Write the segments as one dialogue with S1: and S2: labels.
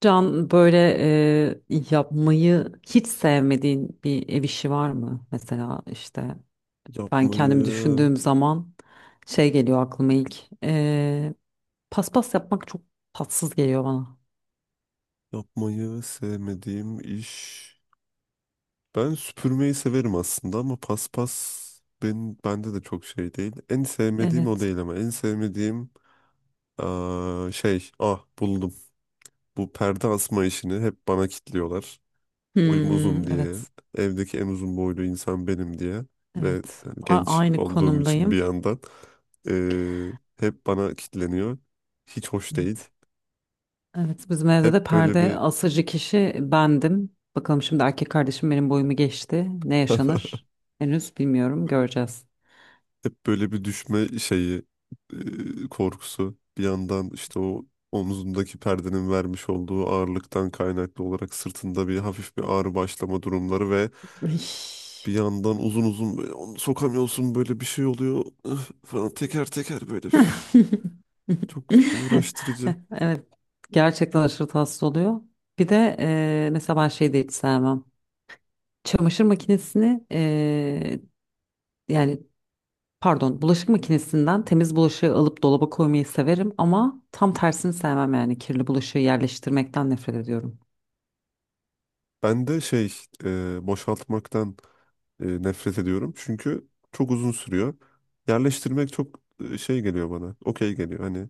S1: Can böyle, yapmayı hiç sevmediğin bir ev işi var mı? Mesela işte ben kendimi
S2: Yapmayı,
S1: düşündüğüm zaman şey geliyor aklıma ilk. E, Paspas yapmak çok tatsız geliyor bana.
S2: yapmayı sevmediğim iş. Ben süpürmeyi severim aslında ama paspas bende de çok şey değil. En sevmediğim o
S1: Evet.
S2: değil ama en sevmediğim şey ah buldum. Bu perde asma işini hep bana kitliyorlar. Boyum
S1: Hmm,
S2: uzun diye.
S1: evet.
S2: Evdeki en uzun boylu insan benim diye. Ve
S1: Evet.
S2: genç
S1: Aynı
S2: olduğum için bir
S1: konumdayım.
S2: yandan eee, hep bana kitleniyor. Hiç hoş değil.
S1: Evet. Evet. Bizim evde de
S2: Hep böyle
S1: perde
S2: bir
S1: asıcı kişi bendim. Bakalım şimdi erkek kardeşim benim boyumu geçti. Ne yaşanır? Henüz bilmiyorum. Göreceğiz.
S2: Hep böyle bir düşme şeyi korkusu bir yandan işte o omzundaki perdenin vermiş olduğu ağırlıktan kaynaklı olarak sırtında bir hafif bir ağrı başlama durumları ve
S1: Üş.
S2: bir yandan uzun uzun böyle onu sokamıyorsun böyle bir şey oluyor üf falan teker teker böyle üf. Çok uğraştırıcı.
S1: Evet. Gerçekten aşırı tatsız oluyor. Bir de mesela ben şey de hiç sevmem. Çamaşır makinesini yani pardon bulaşık makinesinden temiz bulaşığı alıp dolaba koymayı severim ama tam tersini sevmem, yani kirli bulaşığı yerleştirmekten nefret ediyorum.
S2: Ben de şey boşaltmaktan nefret ediyorum çünkü çok uzun sürüyor. Yerleştirmek çok şey geliyor bana okey geliyor hani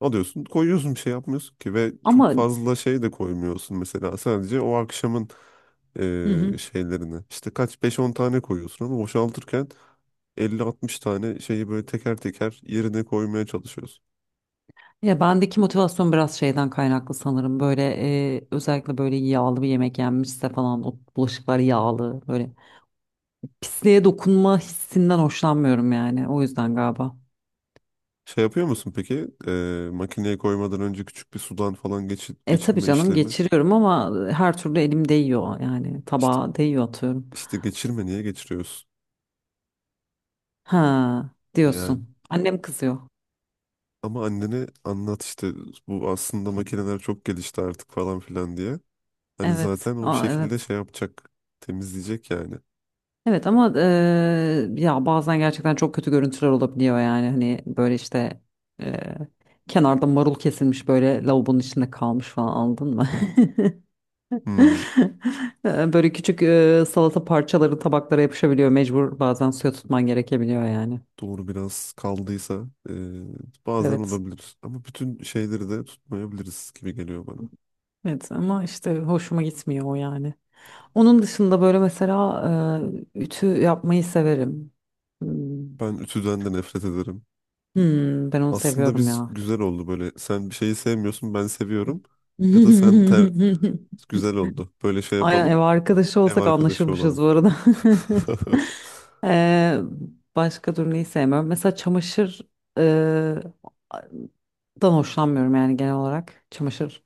S2: alıyorsun, koyuyorsun bir şey yapmıyorsun ki ve çok
S1: Ama.
S2: fazla şey de koymuyorsun mesela sadece o akşamın
S1: Hı hı.
S2: şeylerini. İşte kaç beş 10 tane koyuyorsun ama boşaltırken 50 60 tane şeyi böyle teker teker yerine koymaya çalışıyorsun.
S1: Ya bendeki motivasyon biraz şeyden kaynaklı sanırım. Böyle, özellikle böyle yağlı bir yemek yenmişse falan, o bulaşıklar yağlı böyle pisliğe dokunma hissinden hoşlanmıyorum yani. O yüzden galiba.
S2: Şey yapıyor musun peki? E, makineye koymadan önce küçük bir sudan falan geçir,
S1: E tabii
S2: geçirme
S1: canım,
S2: işlemi.
S1: geçiriyorum ama her türlü elim değiyor yani,
S2: İşte,
S1: tabağa değiyor atıyorum.
S2: işte geçirme niye geçiriyorsun?
S1: Ha
S2: Yani
S1: diyorsun. Annem kızıyor.
S2: ama annene anlat işte bu aslında makineler çok gelişti artık falan filan diye. Hani
S1: Evet.
S2: zaten o bir
S1: Aa,
S2: şekilde
S1: evet.
S2: şey yapacak. Temizleyecek yani.
S1: Evet ama ya bazen gerçekten çok kötü görüntüler olabiliyor yani, hani böyle işte, eee, kenarda marul kesilmiş böyle lavabonun içinde kalmış falan, anladın mı?
S2: Hmm,
S1: Böyle küçük salata parçaları tabaklara yapışabiliyor. Mecbur bazen suya tutman gerekebiliyor yani.
S2: doğru biraz kaldıysa bazen
S1: Evet.
S2: olabilir. Ama bütün şeyleri de tutmayabiliriz gibi geliyor bana.
S1: Evet ama işte hoşuma gitmiyor o yani. Onun dışında böyle mesela ütü yapmayı severim. Hmm.
S2: Ben ütüden de nefret ederim.
S1: Hmm, ben onu
S2: Aslında
S1: seviyorum
S2: biz
S1: ya.
S2: güzel oldu böyle. Sen bir şeyi sevmiyorsun ben seviyorum. Ya da sen ter... güzel oldu. Böyle şey
S1: Aynen, ev
S2: yapalım.
S1: arkadaşı
S2: Ev
S1: olsak
S2: arkadaşı
S1: anlaşırmışız
S2: olalım.
S1: bu arada. Eee, Başka durmayı sevmiyorum. Mesela çamaşır eee, dan hoşlanmıyorum yani genel olarak. Çamaşır.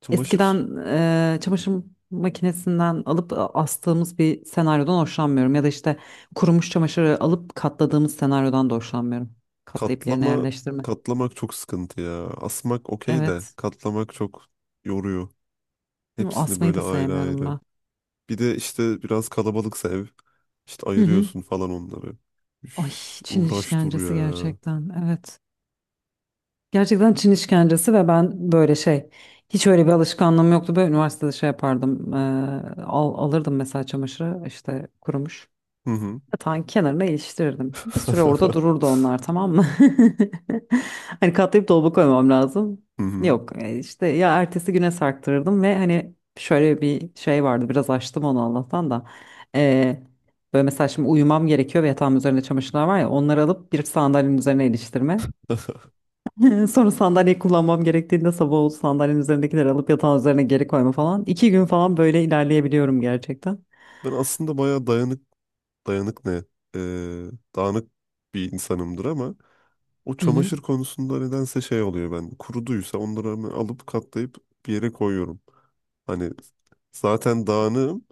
S2: Çamaşır
S1: Eskiden çamaşır makinesinden alıp astığımız bir senaryodan hoşlanmıyorum. Ya da işte kurumuş çamaşırı alıp katladığımız senaryodan da hoşlanmıyorum. Katlayıp yerine
S2: katlama
S1: yerleştirme.
S2: katlamak çok sıkıntı ya. Asmak okey de
S1: Evet.
S2: katlamak çok yoruyor. Hepsini
S1: Asmayı
S2: böyle
S1: da
S2: ayrı
S1: sevmiyorum
S2: ayrı.
S1: ben.
S2: Bir de işte biraz kalabalıksa ev işte
S1: Hı hı.
S2: ayırıyorsun falan onları.
S1: Ay,
S2: Üf,
S1: Çin
S2: uğraş dur
S1: işkencesi
S2: ya.
S1: gerçekten. Evet. Gerçekten Çin işkencesi. Ve ben böyle şey, hiç öyle bir alışkanlığım yoktu. Böyle üniversitede şey yapardım. Alırdım mesela çamaşırı işte, kurumuş.
S2: Hı hı.
S1: Yatağın kenarına iliştirirdim. Bir süre orada dururdu onlar, tamam mı? Hani katlayıp dolaba koymam lazım.
S2: Hı hı.
S1: Yok, işte ya, ertesi güne sarktırırdım. Ve hani şöyle bir şey vardı, biraz açtım onu Allah'tan da. Ee, Böyle mesela şimdi uyumam gerekiyor ve yatağımın üzerinde çamaşırlar var ya, onları alıp bir sandalyenin üzerine iliştirme. Sonra sandalyeyi kullanmam gerektiğinde, sabah oldu, sandalyenin üzerindekileri alıp yatağın üzerine geri koyma falan. İki gün falan böyle ilerleyebiliyorum gerçekten.
S2: Ben aslında bayağı dayanık ne? Ee, dağınık bir insanımdır ama o
S1: Hı hı.
S2: çamaşır konusunda nedense şey oluyor ben. Kuruduysa onları hemen alıp katlayıp bir yere koyuyorum. Hani zaten dağınığım.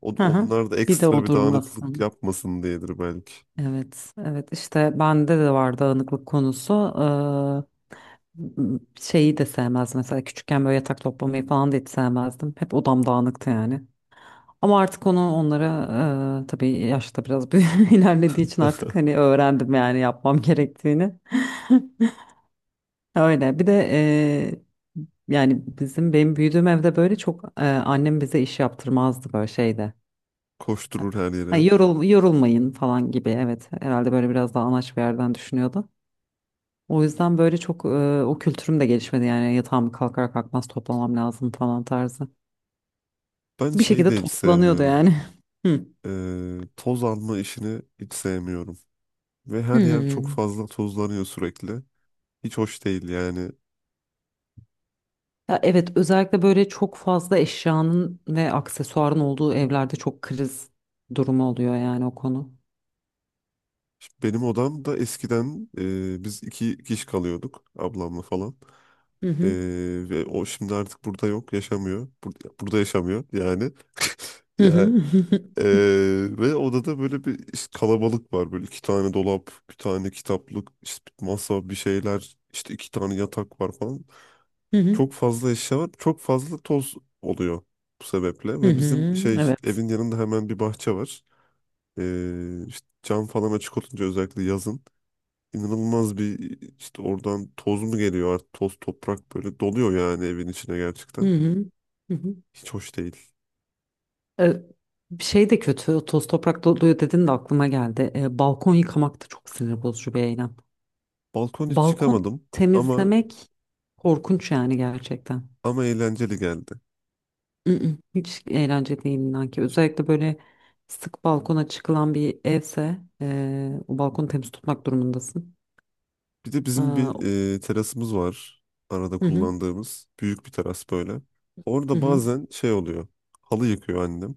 S1: Hı hı.
S2: Onlar da
S1: Bir de
S2: ekstra
S1: o
S2: bir dağınıklık
S1: durmasın.
S2: yapmasın diyedir belki.
S1: Evet, evet, işte bende de var dağınıklık konusu. Şeyi de sevmezdim mesela, küçükken böyle yatak toplamayı falan da hiç sevmezdim. Hep odam dağınıktı yani. Ama artık onu onlara, tabii yaşta biraz ilerlediği için artık hani öğrendim yani yapmam gerektiğini. Öyle. Bir de yani benim büyüdüğüm evde böyle çok, annem bize iş yaptırmazdı böyle şeyde.
S2: Koşturur her yere.
S1: Hani yorulmayın falan gibi, evet, herhalde böyle biraz daha anaç bir yerden düşünüyordu. O yüzden böyle çok, o kültürüm de gelişmedi yani, yatağımı kalkar kalkmaz toplamam lazım falan tarzı.
S2: Ben
S1: Bir
S2: şeyi
S1: şekilde
S2: de hiç
S1: toplanıyordu
S2: sevmiyorum.
S1: yani. Hı.
S2: Toz alma işini hiç sevmiyorum. Ve her yer çok
S1: Hmm.
S2: fazla tozlanıyor sürekli. Hiç hoş değil yani.
S1: Ya evet, özellikle böyle çok fazla eşyanın ve aksesuarın olduğu evlerde çok kriz durumu oluyor yani o konu.
S2: Şimdi benim odamda eskiden biz iki kişi kalıyorduk ablamla falan.
S1: Hı
S2: Ee,
S1: hı.
S2: ve o şimdi artık burada yok, yaşamıyor. Burada yaşamıyor yani.
S1: Hı
S2: Ya
S1: hı.
S2: e, ve odada böyle bir işte kalabalık var. Böyle iki tane dolap, bir tane kitaplık, işte bir masa, bir şeyler, işte iki tane yatak var falan.
S1: Hı hı.
S2: Çok fazla eşya var. Çok fazla toz oluyor bu sebeple.
S1: Hı
S2: Ve bizim
S1: hı.
S2: şey
S1: Evet.
S2: evin yanında hemen bir bahçe var. İşte cam falan açık olunca özellikle yazın inanılmaz bir işte oradan toz mu geliyor artık toz toprak böyle doluyor yani evin içine
S1: Hı
S2: gerçekten.
S1: hı. Hı hı.
S2: Hiç hoş değil.
S1: E, Bir şey de kötü. Toz toprak doluyor dedin de aklıma geldi. Balkon yıkamak da çok sinir bozucu bir eylem.
S2: Balkon hiç
S1: Balkon
S2: çıkamadım ama
S1: temizlemek korkunç yani, gerçekten.
S2: ama eğlenceli geldi.
S1: Mm-mm. Hiç eğlence değil inan ki. Özellikle böyle sık balkona çıkılan bir evse, o balkonu temiz tutmak durumundasın.
S2: Bir de bizim
S1: Aa,
S2: bir terasımız var. Arada
S1: hı hı,
S2: kullandığımız büyük bir teras böyle.
S1: hı
S2: Orada
S1: hı,
S2: bazen şey oluyor. Halı yıkıyor annem.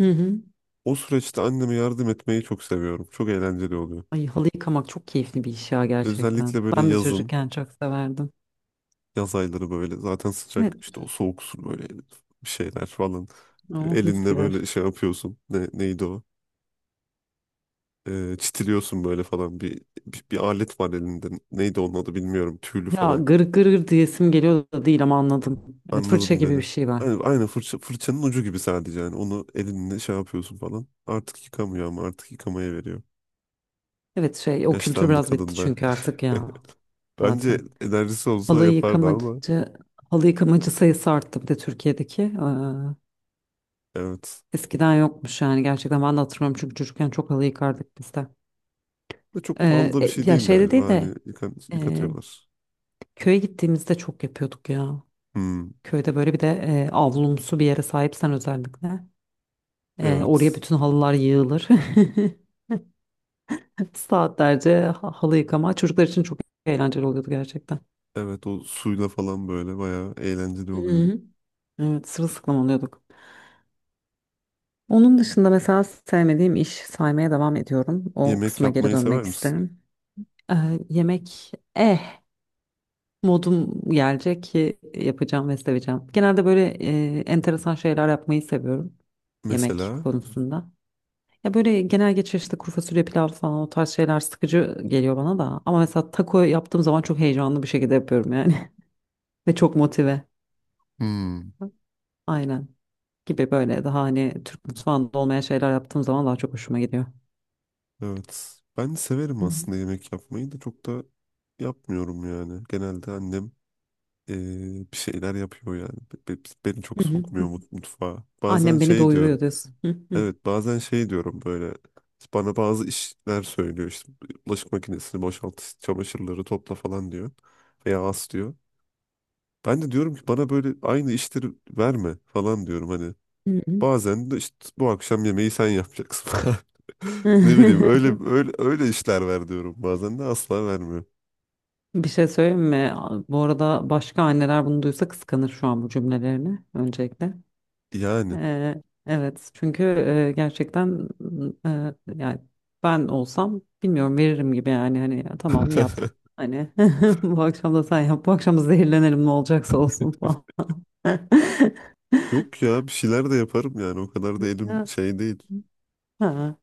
S1: hı hı.
S2: O süreçte anneme yardım etmeyi çok seviyorum. Çok eğlenceli oluyor.
S1: Ay, halı yıkamak çok keyifli bir iş ya, gerçekten.
S2: Özellikle böyle
S1: Ben de
S2: yazın,
S1: çocukken çok severdim.
S2: yaz ayları böyle zaten sıcak
S1: Evet.
S2: işte o soğuk su böyle bir şeyler falan.
S1: Oh, mis
S2: Elinde
S1: gibi.
S2: böyle şey yapıyorsun. Ne, neydi o? Çitiliyorsun böyle falan bir alet var elinde. Neydi onun adı bilmiyorum. Tüylü
S1: Ya
S2: falan.
S1: gır gır gır diyesim geliyor da değil, ama anladım. Evet, fırça
S2: Anladın
S1: gibi bir
S2: beni.
S1: şey var.
S2: Aynı fırçanın ucu gibi sadece yani. Onu elinle şey yapıyorsun falan. Artık yıkamıyor ama artık yıkamaya veriyor.
S1: Evet, şey, o kültür
S2: Yaşlandı
S1: biraz bitti
S2: kadın da.
S1: çünkü artık ya,
S2: Bence
S1: zaten.
S2: enerjisi olsa
S1: Halı
S2: yapardı ama
S1: yıkamacı, Halı yıkamacı sayısı arttı bir de Türkiye'deki.
S2: evet.
S1: Eskiden yokmuş yani gerçekten, ben de hatırlamıyorum çünkü çocukken çok halı yıkardık biz de.
S2: Ve çok pahalı da bir şey
S1: Ya
S2: değil
S1: şeyde
S2: galiba.
S1: değil
S2: Hani
S1: de, e,
S2: yıkatıyorlar.
S1: köye gittiğimizde çok yapıyorduk ya.
S2: Hmm,
S1: Köyde böyle bir de avlumsu bir yere sahipsen özellikle, oraya
S2: evet.
S1: bütün halılar yığılır. Saatlerce halı yıkama çocuklar için çok eğlenceli oluyordu gerçekten.
S2: Evet o suyla falan böyle bayağı eğlenceli
S1: Hı
S2: oluyordu.
S1: hı. Evet, sırılsıklam oluyorduk. Onun dışında mesela sevmediğim iş saymaya devam ediyorum. O
S2: Yemek
S1: kısma geri
S2: yapmayı sever
S1: dönmek
S2: misin?
S1: isterim. Ee, Yemek, modum gelecek ki yapacağım ve seveceğim. Genelde böyle enteresan şeyler yapmayı seviyorum yemek
S2: Mesela.
S1: konusunda. Ya böyle genel geçer, işte kuru fasulye pilav falan o tarz şeyler sıkıcı geliyor bana da. Ama mesela taco yaptığım zaman çok heyecanlı bir şekilde yapıyorum yani. Ve çok motive.
S2: Hmm,
S1: Aynen, gibi böyle daha hani Türk mutfağında olmayan şeyler yaptığım zaman daha çok hoşuma gidiyor.
S2: evet. Ben severim
S1: Hı
S2: aslında
S1: hı.
S2: yemek yapmayı da çok da yapmıyorum yani. Genelde annem bir şeyler yapıyor yani. Beni çok
S1: Hı hı.
S2: sokmuyor mutfağa. Bazen
S1: Annem beni
S2: şey
S1: doyuruyor
S2: diyorum.
S1: diyorsun. Hı hı.
S2: Evet bazen şey diyorum böyle bana bazı işler söylüyor işte bulaşık makinesini boşalt çamaşırları topla falan diyor veya as diyor. Ben de diyorum ki bana böyle aynı işleri verme falan diyorum hani
S1: Hı hı.
S2: bazen de işte bu akşam yemeği sen yapacaksın falan. Ne bileyim öyle öyle öyle işler ver diyorum bazen de asla vermiyor.
S1: Bir şey söyleyeyim mi? Bu arada başka anneler bunu duysa kıskanır şu an bu cümlelerini öncelikle.
S2: Yani
S1: Evet, çünkü gerçekten, yani, ben olsam bilmiyorum, veririm gibi yani, hani ya tamam yap. Hani bu akşam da sen yap. Bu akşam da zehirlenelim, ne olacaksa olsun falan.
S2: yok ya bir şeyler de yaparım yani o kadar da elim
S1: Ya,
S2: şey değil.
S1: ha,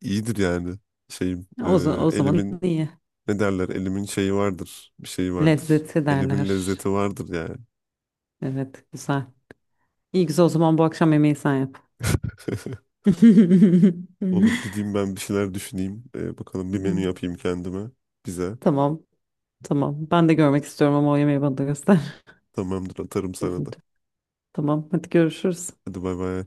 S2: İyidir yani şeyim
S1: o zaman
S2: elimin
S1: iyi.
S2: ne derler? Elimin şeyi vardır. Bir şeyi vardır.
S1: Lezzeti
S2: Elimin
S1: derler.
S2: lezzeti vardır yani.
S1: Evet, güzel. İyi, güzel, o zaman bu akşam yemeği sen yap.
S2: Olur gideyim ben bir şeyler düşüneyim. Bakalım bir menü yapayım kendime. Bize.
S1: Tamam, tamam. Ben de görmek istiyorum ama o yemeği bana da göster.
S2: Tamamdır atarım sana da.
S1: Tamam, hadi görüşürüz.
S2: Hadi bay bay.